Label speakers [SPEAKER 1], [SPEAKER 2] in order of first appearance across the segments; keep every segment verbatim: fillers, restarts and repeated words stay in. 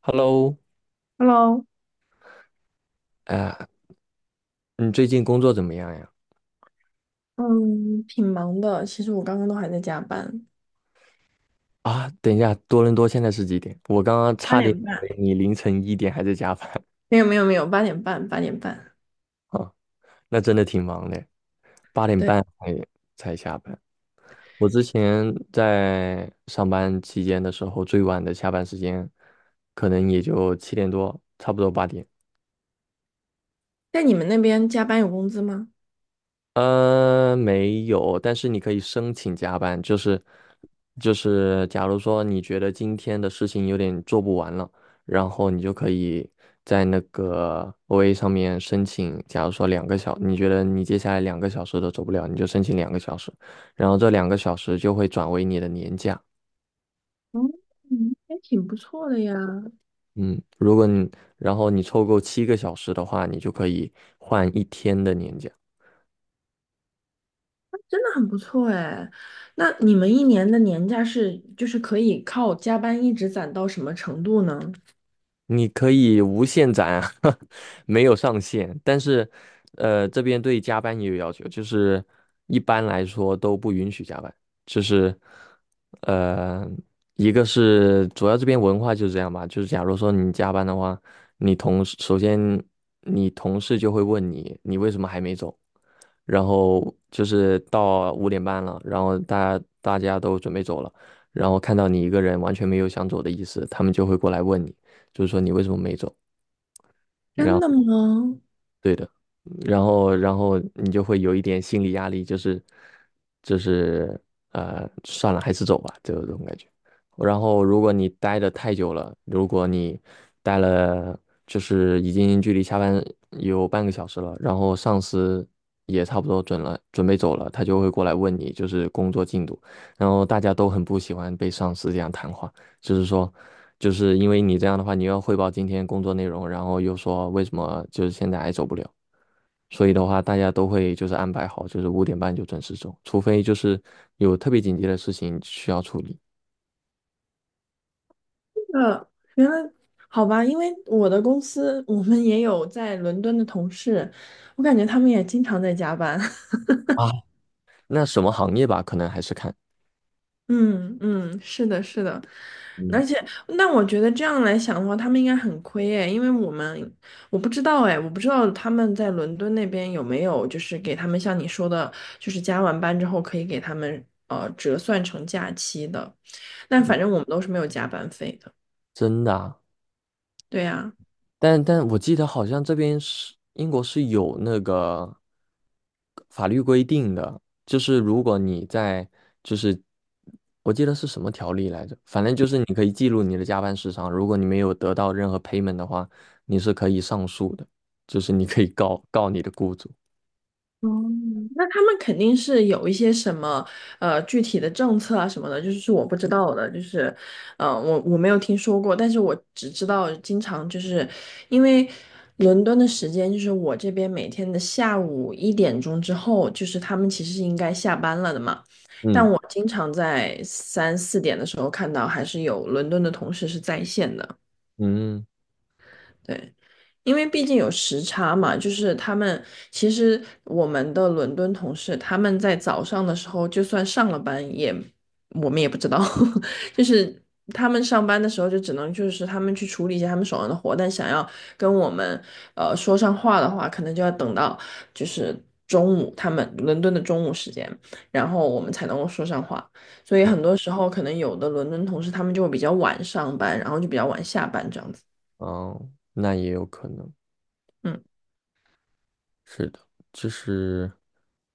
[SPEAKER 1] Hello，
[SPEAKER 2] Hello，
[SPEAKER 1] 啊、你最近工作怎么样呀？
[SPEAKER 2] 嗯，挺忙的。其实我刚刚都还在加班，
[SPEAKER 1] 啊，等一下，多伦多现在是几点？我刚刚
[SPEAKER 2] 八
[SPEAKER 1] 差点
[SPEAKER 2] 点
[SPEAKER 1] 以
[SPEAKER 2] 半，
[SPEAKER 1] 为你凌晨一点还在加班。
[SPEAKER 2] 没有没有没有，八点半八点半。
[SPEAKER 1] 啊，那真的挺忙的，八点
[SPEAKER 2] 对，
[SPEAKER 1] 半才才下班。我之前在上班期间的时候，最晚的下班时间可能也就七点多，差不多八点。
[SPEAKER 2] 在你们那边加班有工资吗？
[SPEAKER 1] 呃，没有，但是你可以申请加班，就是就是，假如说你觉得今天的事情有点做不完了，然后你就可以在那个 O A 上面申请，假如说两个小，你觉得你接下来两个小时都走不了，你就申请两个小时，然后这两个小时就会转为你的年假。
[SPEAKER 2] 嗯，嗯还挺不错的呀，
[SPEAKER 1] 嗯，如果你，然后你凑够七个小时的话，你就可以换一天的年假。
[SPEAKER 2] 真的很不错哎。那你们一年的年假是就是可以靠加班一直攒到什么程度呢？
[SPEAKER 1] 你可以无限攒啊，没有上限。但是，呃，这边对加班也有要求，就是一般来说都不允许加班。就是，呃，一个是主要这边文化就是这样吧，就是假如说你加班的话，你同事首先你同事就会问你，你为什么还没走？然后就是到五点半了，然后大家大家都准备走了，然后看到你一个人完全没有想走的意思，他们就会过来问你。就是说你为什么没走？然
[SPEAKER 2] 真
[SPEAKER 1] 后
[SPEAKER 2] 的吗？
[SPEAKER 1] 对的，然后然后你就会有一点心理压力，就是就是呃，算了，还是走吧，就这种感觉。然后如果你待的太久了，如果你待了就是已经距离下班有半个小时了，然后上司也差不多准了，准备走了，他就会过来问你就是工作进度，然后大家都很不喜欢被上司这样谈话。就是说，就是因为你这样的话，你又要汇报今天工作内容，然后又说为什么就是现在还走不了，所以的话，大家都会就是安排好，就是五点半就准时走，除非就是有特别紧急的事情需要处理。
[SPEAKER 2] 呃，原来好吧，因为我的公司我们也有在伦敦的同事，我感觉他们也经常在加班。
[SPEAKER 1] 啊，那什么行业吧，可能还是看，
[SPEAKER 2] 嗯嗯，是的，是的，
[SPEAKER 1] 嗯，
[SPEAKER 2] 而且，那我觉得这样来想的话，他们应该很亏诶，因为我们我不知道诶，我不知道他们在伦敦那边有没有就是给他们像你说的，就是加完班之后可以给他们呃折算成假期的，但反正我们都是没有加班费的。
[SPEAKER 1] 真的啊。
[SPEAKER 2] 对呀。
[SPEAKER 1] 但但我记得好像这边是英国是有那个法律规定的，就是如果你在就是我记得是什么条例来着，反正就是你可以记录你的加班时长，如果你没有得到任何 payment 的话，你是可以上诉的，就是你可以告告你的雇主。
[SPEAKER 2] 哦，那他们肯定是有一些什么呃具体的政策啊什么的，就是是我不知道的，就是呃我我没有听说过，但是我只知道经常就是因为伦敦的时间就是我这边每天的下午一点钟之后，就是他们其实是应该下班了的嘛，但
[SPEAKER 1] 嗯
[SPEAKER 2] 我经常在三四点的时候看到还是有伦敦的同事是在线的。
[SPEAKER 1] 嗯，
[SPEAKER 2] 对，因为毕竟有时差嘛，就是他们其实我们的伦敦同事，他们在早上的时候就算上了班也，我们也不知道，就是他们上班的时候就只能就是他们去处理一些他们手上的活，但想要跟我们呃说上话的话，可能就要等到就是中午，他们伦敦的中午时间，然后我们才能够说上话，所以很多时候可能有的伦敦同事他们就会比较晚上班，然后就比较晚下班这样子。
[SPEAKER 1] 哦，那也有可能。
[SPEAKER 2] 嗯。
[SPEAKER 1] 是的，就是，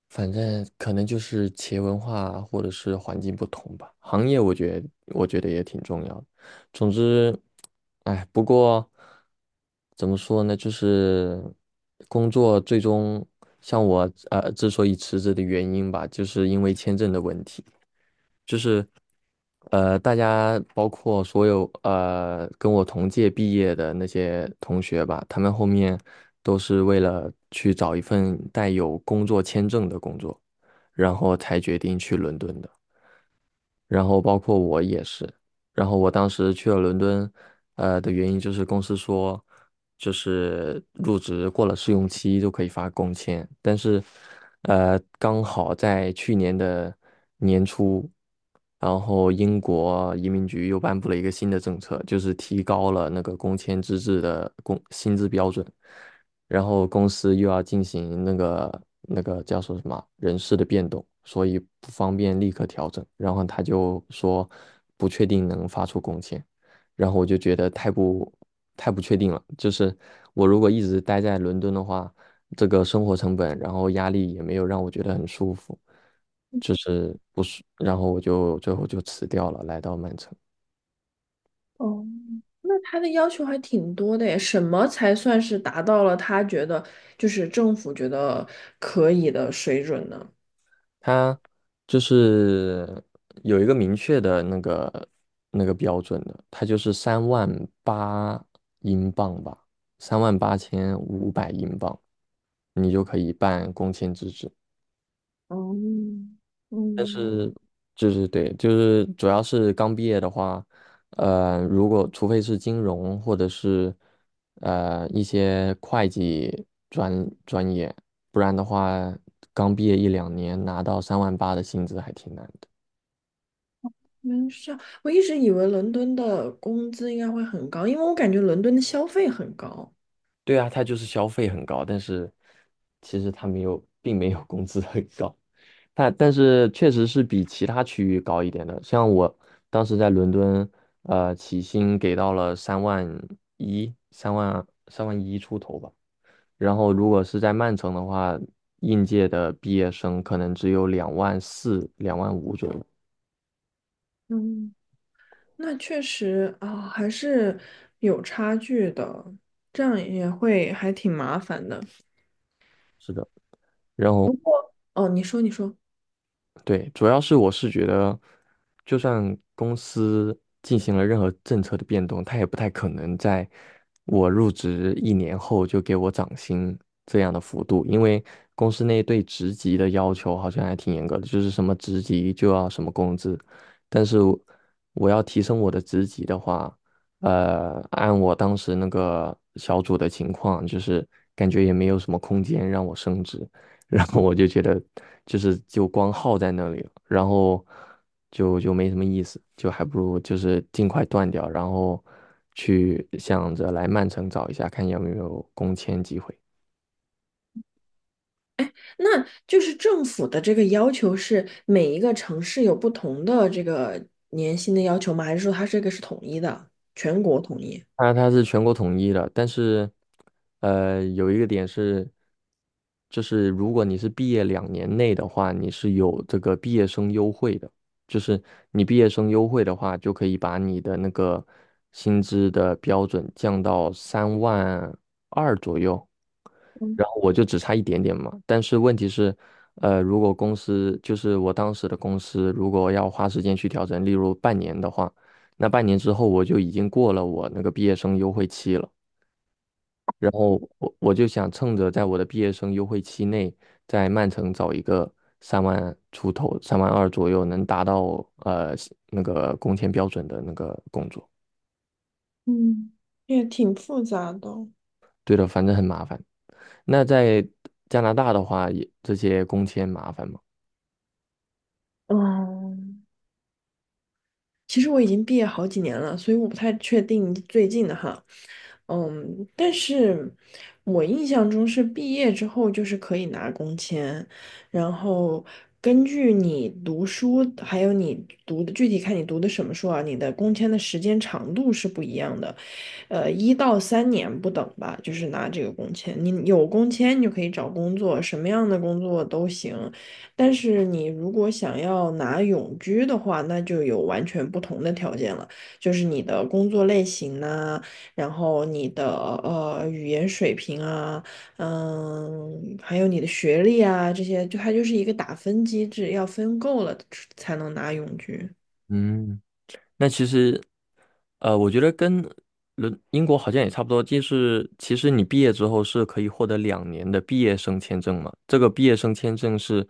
[SPEAKER 1] 反正可能就是企业文化或者是环境不同吧。行业我觉得我觉得也挺重要的。总之，哎，不过怎么说呢，就是工作最终像我呃之所以辞职的原因吧，就是因为签证的问题。就是呃，大家包括所有呃跟我同届毕业的那些同学吧，他们后面都是为了去找一份带有工作签证的工作，然后才决定去伦敦的。然后包括我也是。然后我当时去了伦敦，呃的原因就是公司说，就是入职过了试用期就可以发工签，但是，呃，刚好在去年的年初，然后英国移民局又颁布了一个新的政策，就是提高了那个工签资质的工薪资标准。然后公司又要进行那个那个叫说什么人事的变动，所以不方便立刻调整。然后他就说不确定能发出工签，然后我就觉得太不太不确定了。就是我如果一直待在伦敦的话，这个生活成本，然后压力也没有让我觉得很舒服，就是不舒。然后我就最后就辞掉了，来到曼城。
[SPEAKER 2] 哦，那他的要求还挺多的耶，什么才算是达到了他觉得就是政府觉得可以的水准呢？
[SPEAKER 1] 它就是有一个明确的那个那个标准的，它就是三万八英镑吧，三万八千五百英镑，你就可以办工签资质。
[SPEAKER 2] 哦，
[SPEAKER 1] 但
[SPEAKER 2] 嗯，
[SPEAKER 1] 是就是对，就是主要是刚毕业的话，呃，如果除非是金融或者是呃一些会计专专业，不然的话，刚毕业一两年拿到三万八的薪资还挺难的。
[SPEAKER 2] 没事，是这样我一直以为伦敦的工资应该会很高，因为我感觉伦敦的消费很高。
[SPEAKER 1] 对啊，他就是消费很高，但是其实他没有，并没有工资很高。但但是确实是比其他区域高一点的。像我当时在伦敦，呃，起薪给到了三万一，三万三万一出头吧。然后如果是在曼城的话，应届的毕业生可能只有两万四、两万五左右。
[SPEAKER 2] 嗯，那确实啊，还是有差距的，这样也会还挺麻烦的。
[SPEAKER 1] 是的，然后
[SPEAKER 2] 哦，你说，你说。
[SPEAKER 1] 对，主要是我是觉得，就算公司进行了任何政策的变动，他也不太可能在我入职一年后就给我涨薪这样的幅度，因为公司内对职级的要求好像还挺严格的，就是什么职级就要什么工资。但是我我要提升我的职级的话，呃，按我当时那个小组的情况，就是感觉也没有什么空间让我升职。然后我就觉得就是就光耗在那里了，然后就就没什么意思，就还不如就是尽快断掉，然后去想着来曼城找一下，看有没有工签机会。
[SPEAKER 2] 那就是政府的这个要求是每一个城市有不同的这个年薪的要求吗？还是说它这个是统一的，全国统一？
[SPEAKER 1] 它它是全国统一的，但是，呃，有一个点是，就是如果你是毕业两年内的话，你是有这个毕业生优惠的，就是你毕业生优惠的话，就可以把你的那个薪资的标准降到三万二左右。然后我就只差一点点嘛。但是问题是，呃，如果公司就是我当时的公司，如果要花时间去调整，例如半年的话，那半年之后我就已经过了我那个毕业生优惠期了，然后我我就想趁着在我的毕业生优惠期内，在曼城找一个三万出头、三万二左右能达到呃那个工签标准的那个工作。
[SPEAKER 2] 嗯，也挺复杂的。
[SPEAKER 1] 对的，反正很麻烦。那在加拿大的话，也这些工签麻烦吗？
[SPEAKER 2] 哦，其实我已经毕业好几年了，所以我不太确定最近的哈。嗯，但是我印象中是毕业之后就是可以拿工签，然后根据你读书，还有你读的具体看你读的什么书啊，你的工签的时间长度是不一样的，呃，一到三年不等吧，就是拿这个工签。你有工签，你就可以找工作，什么样的工作都行。但是你如果想要拿永居的话，那就有完全不同的条件了，就是你的工作类型呐、然后你的呃语言水平啊，嗯，还有你的学历啊，这些就它就是一个打分机制，要分够了才能拿永居。
[SPEAKER 1] 嗯。那其实，呃，我觉得跟伦英国好像也差不多，就是其实你毕业之后是可以获得两年的毕业生签证嘛。这个毕业生签证是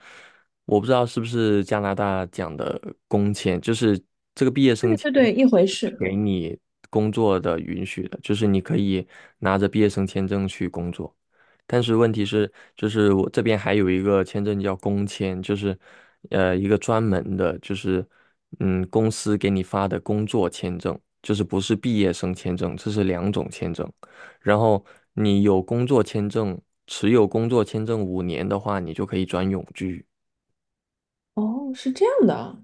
[SPEAKER 1] 我不知道是不是加拿大讲的工签，就是这个毕业生
[SPEAKER 2] 对
[SPEAKER 1] 签
[SPEAKER 2] 对对，一回事。
[SPEAKER 1] 给你工作的允许的，就是你可以拿着毕业生签证去工作。但是问题是，就是我这边还有一个签证叫工签，就是呃一个专门的，就是嗯公司给你发的工作签证，就是不是毕业生签证，这是两种签证。然后你有工作签证，持有工作签证五年的话，你就可以转永居；
[SPEAKER 2] 哦，是这样的啊。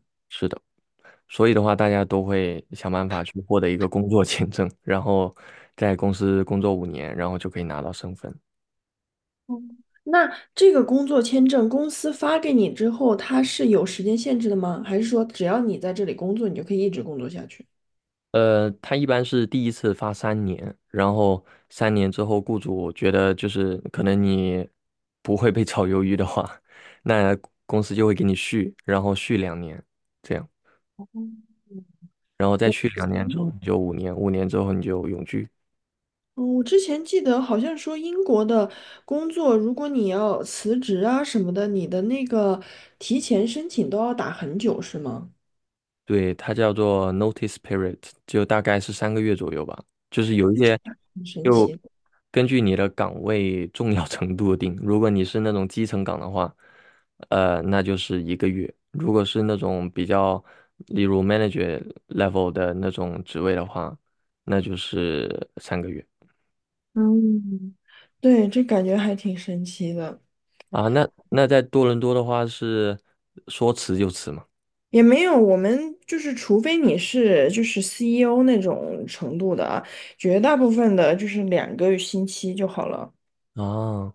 [SPEAKER 1] 所以的话，大家都会想办法去获得一个工作签证，然后在公司工作五年，然后就可以拿到身份。
[SPEAKER 2] 哦那这个工作签证公司发给你之后，它是有时间限制的吗？还是说只要你在这里工作，你就可以一直工作下去？
[SPEAKER 1] 呃，他一般是第一次发三年，然后三年之后，雇主觉得就是可能你不会被炒鱿鱼的话，那公司就会给你续，然后续两年，这样，然后再
[SPEAKER 2] 我
[SPEAKER 1] 续
[SPEAKER 2] 之
[SPEAKER 1] 两年之
[SPEAKER 2] 前，
[SPEAKER 1] 后你就五年，五年之后你就永居。
[SPEAKER 2] 嗯，我之前记得好像说英国的工作，如果你要辞职啊什么的，你的那个提前申请都要打很久，是吗？
[SPEAKER 1] 对，它叫做 notice period，就大概是三个月左右吧。就是有
[SPEAKER 2] 哎
[SPEAKER 1] 一
[SPEAKER 2] 这
[SPEAKER 1] 些，
[SPEAKER 2] 个很神
[SPEAKER 1] 就
[SPEAKER 2] 奇。
[SPEAKER 1] 根据你的岗位重要程度定。如果你是那种基层岗的话，呃，那就是一个月；如果是那种比较，例如 manager level 的那种职位的话，那就是三个月
[SPEAKER 2] 嗯，对，这感觉还挺神奇的。
[SPEAKER 1] 啊。那那在多伦多的话是说辞就辞嘛。
[SPEAKER 2] 也没有，我们就是，除非你是就是 C E O 那种程度的啊，绝大部分的就是两个星期就好了。
[SPEAKER 1] 啊，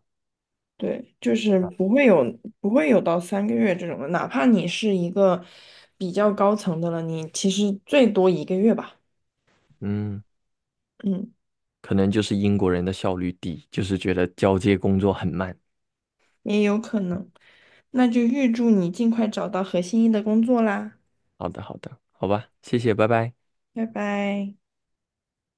[SPEAKER 2] 对，就是不会有不会有到三个月这种的，哪怕你是一个比较高层的了，你其实最多一个月吧，
[SPEAKER 1] 嗯，
[SPEAKER 2] 嗯，
[SPEAKER 1] 可能就是英国人的效率低，就是觉得交接工作很慢。
[SPEAKER 2] 也有可能。那就预祝你尽快找到合心意的工作啦，
[SPEAKER 1] 好的，好的，好吧，谢谢，拜拜。
[SPEAKER 2] 拜拜。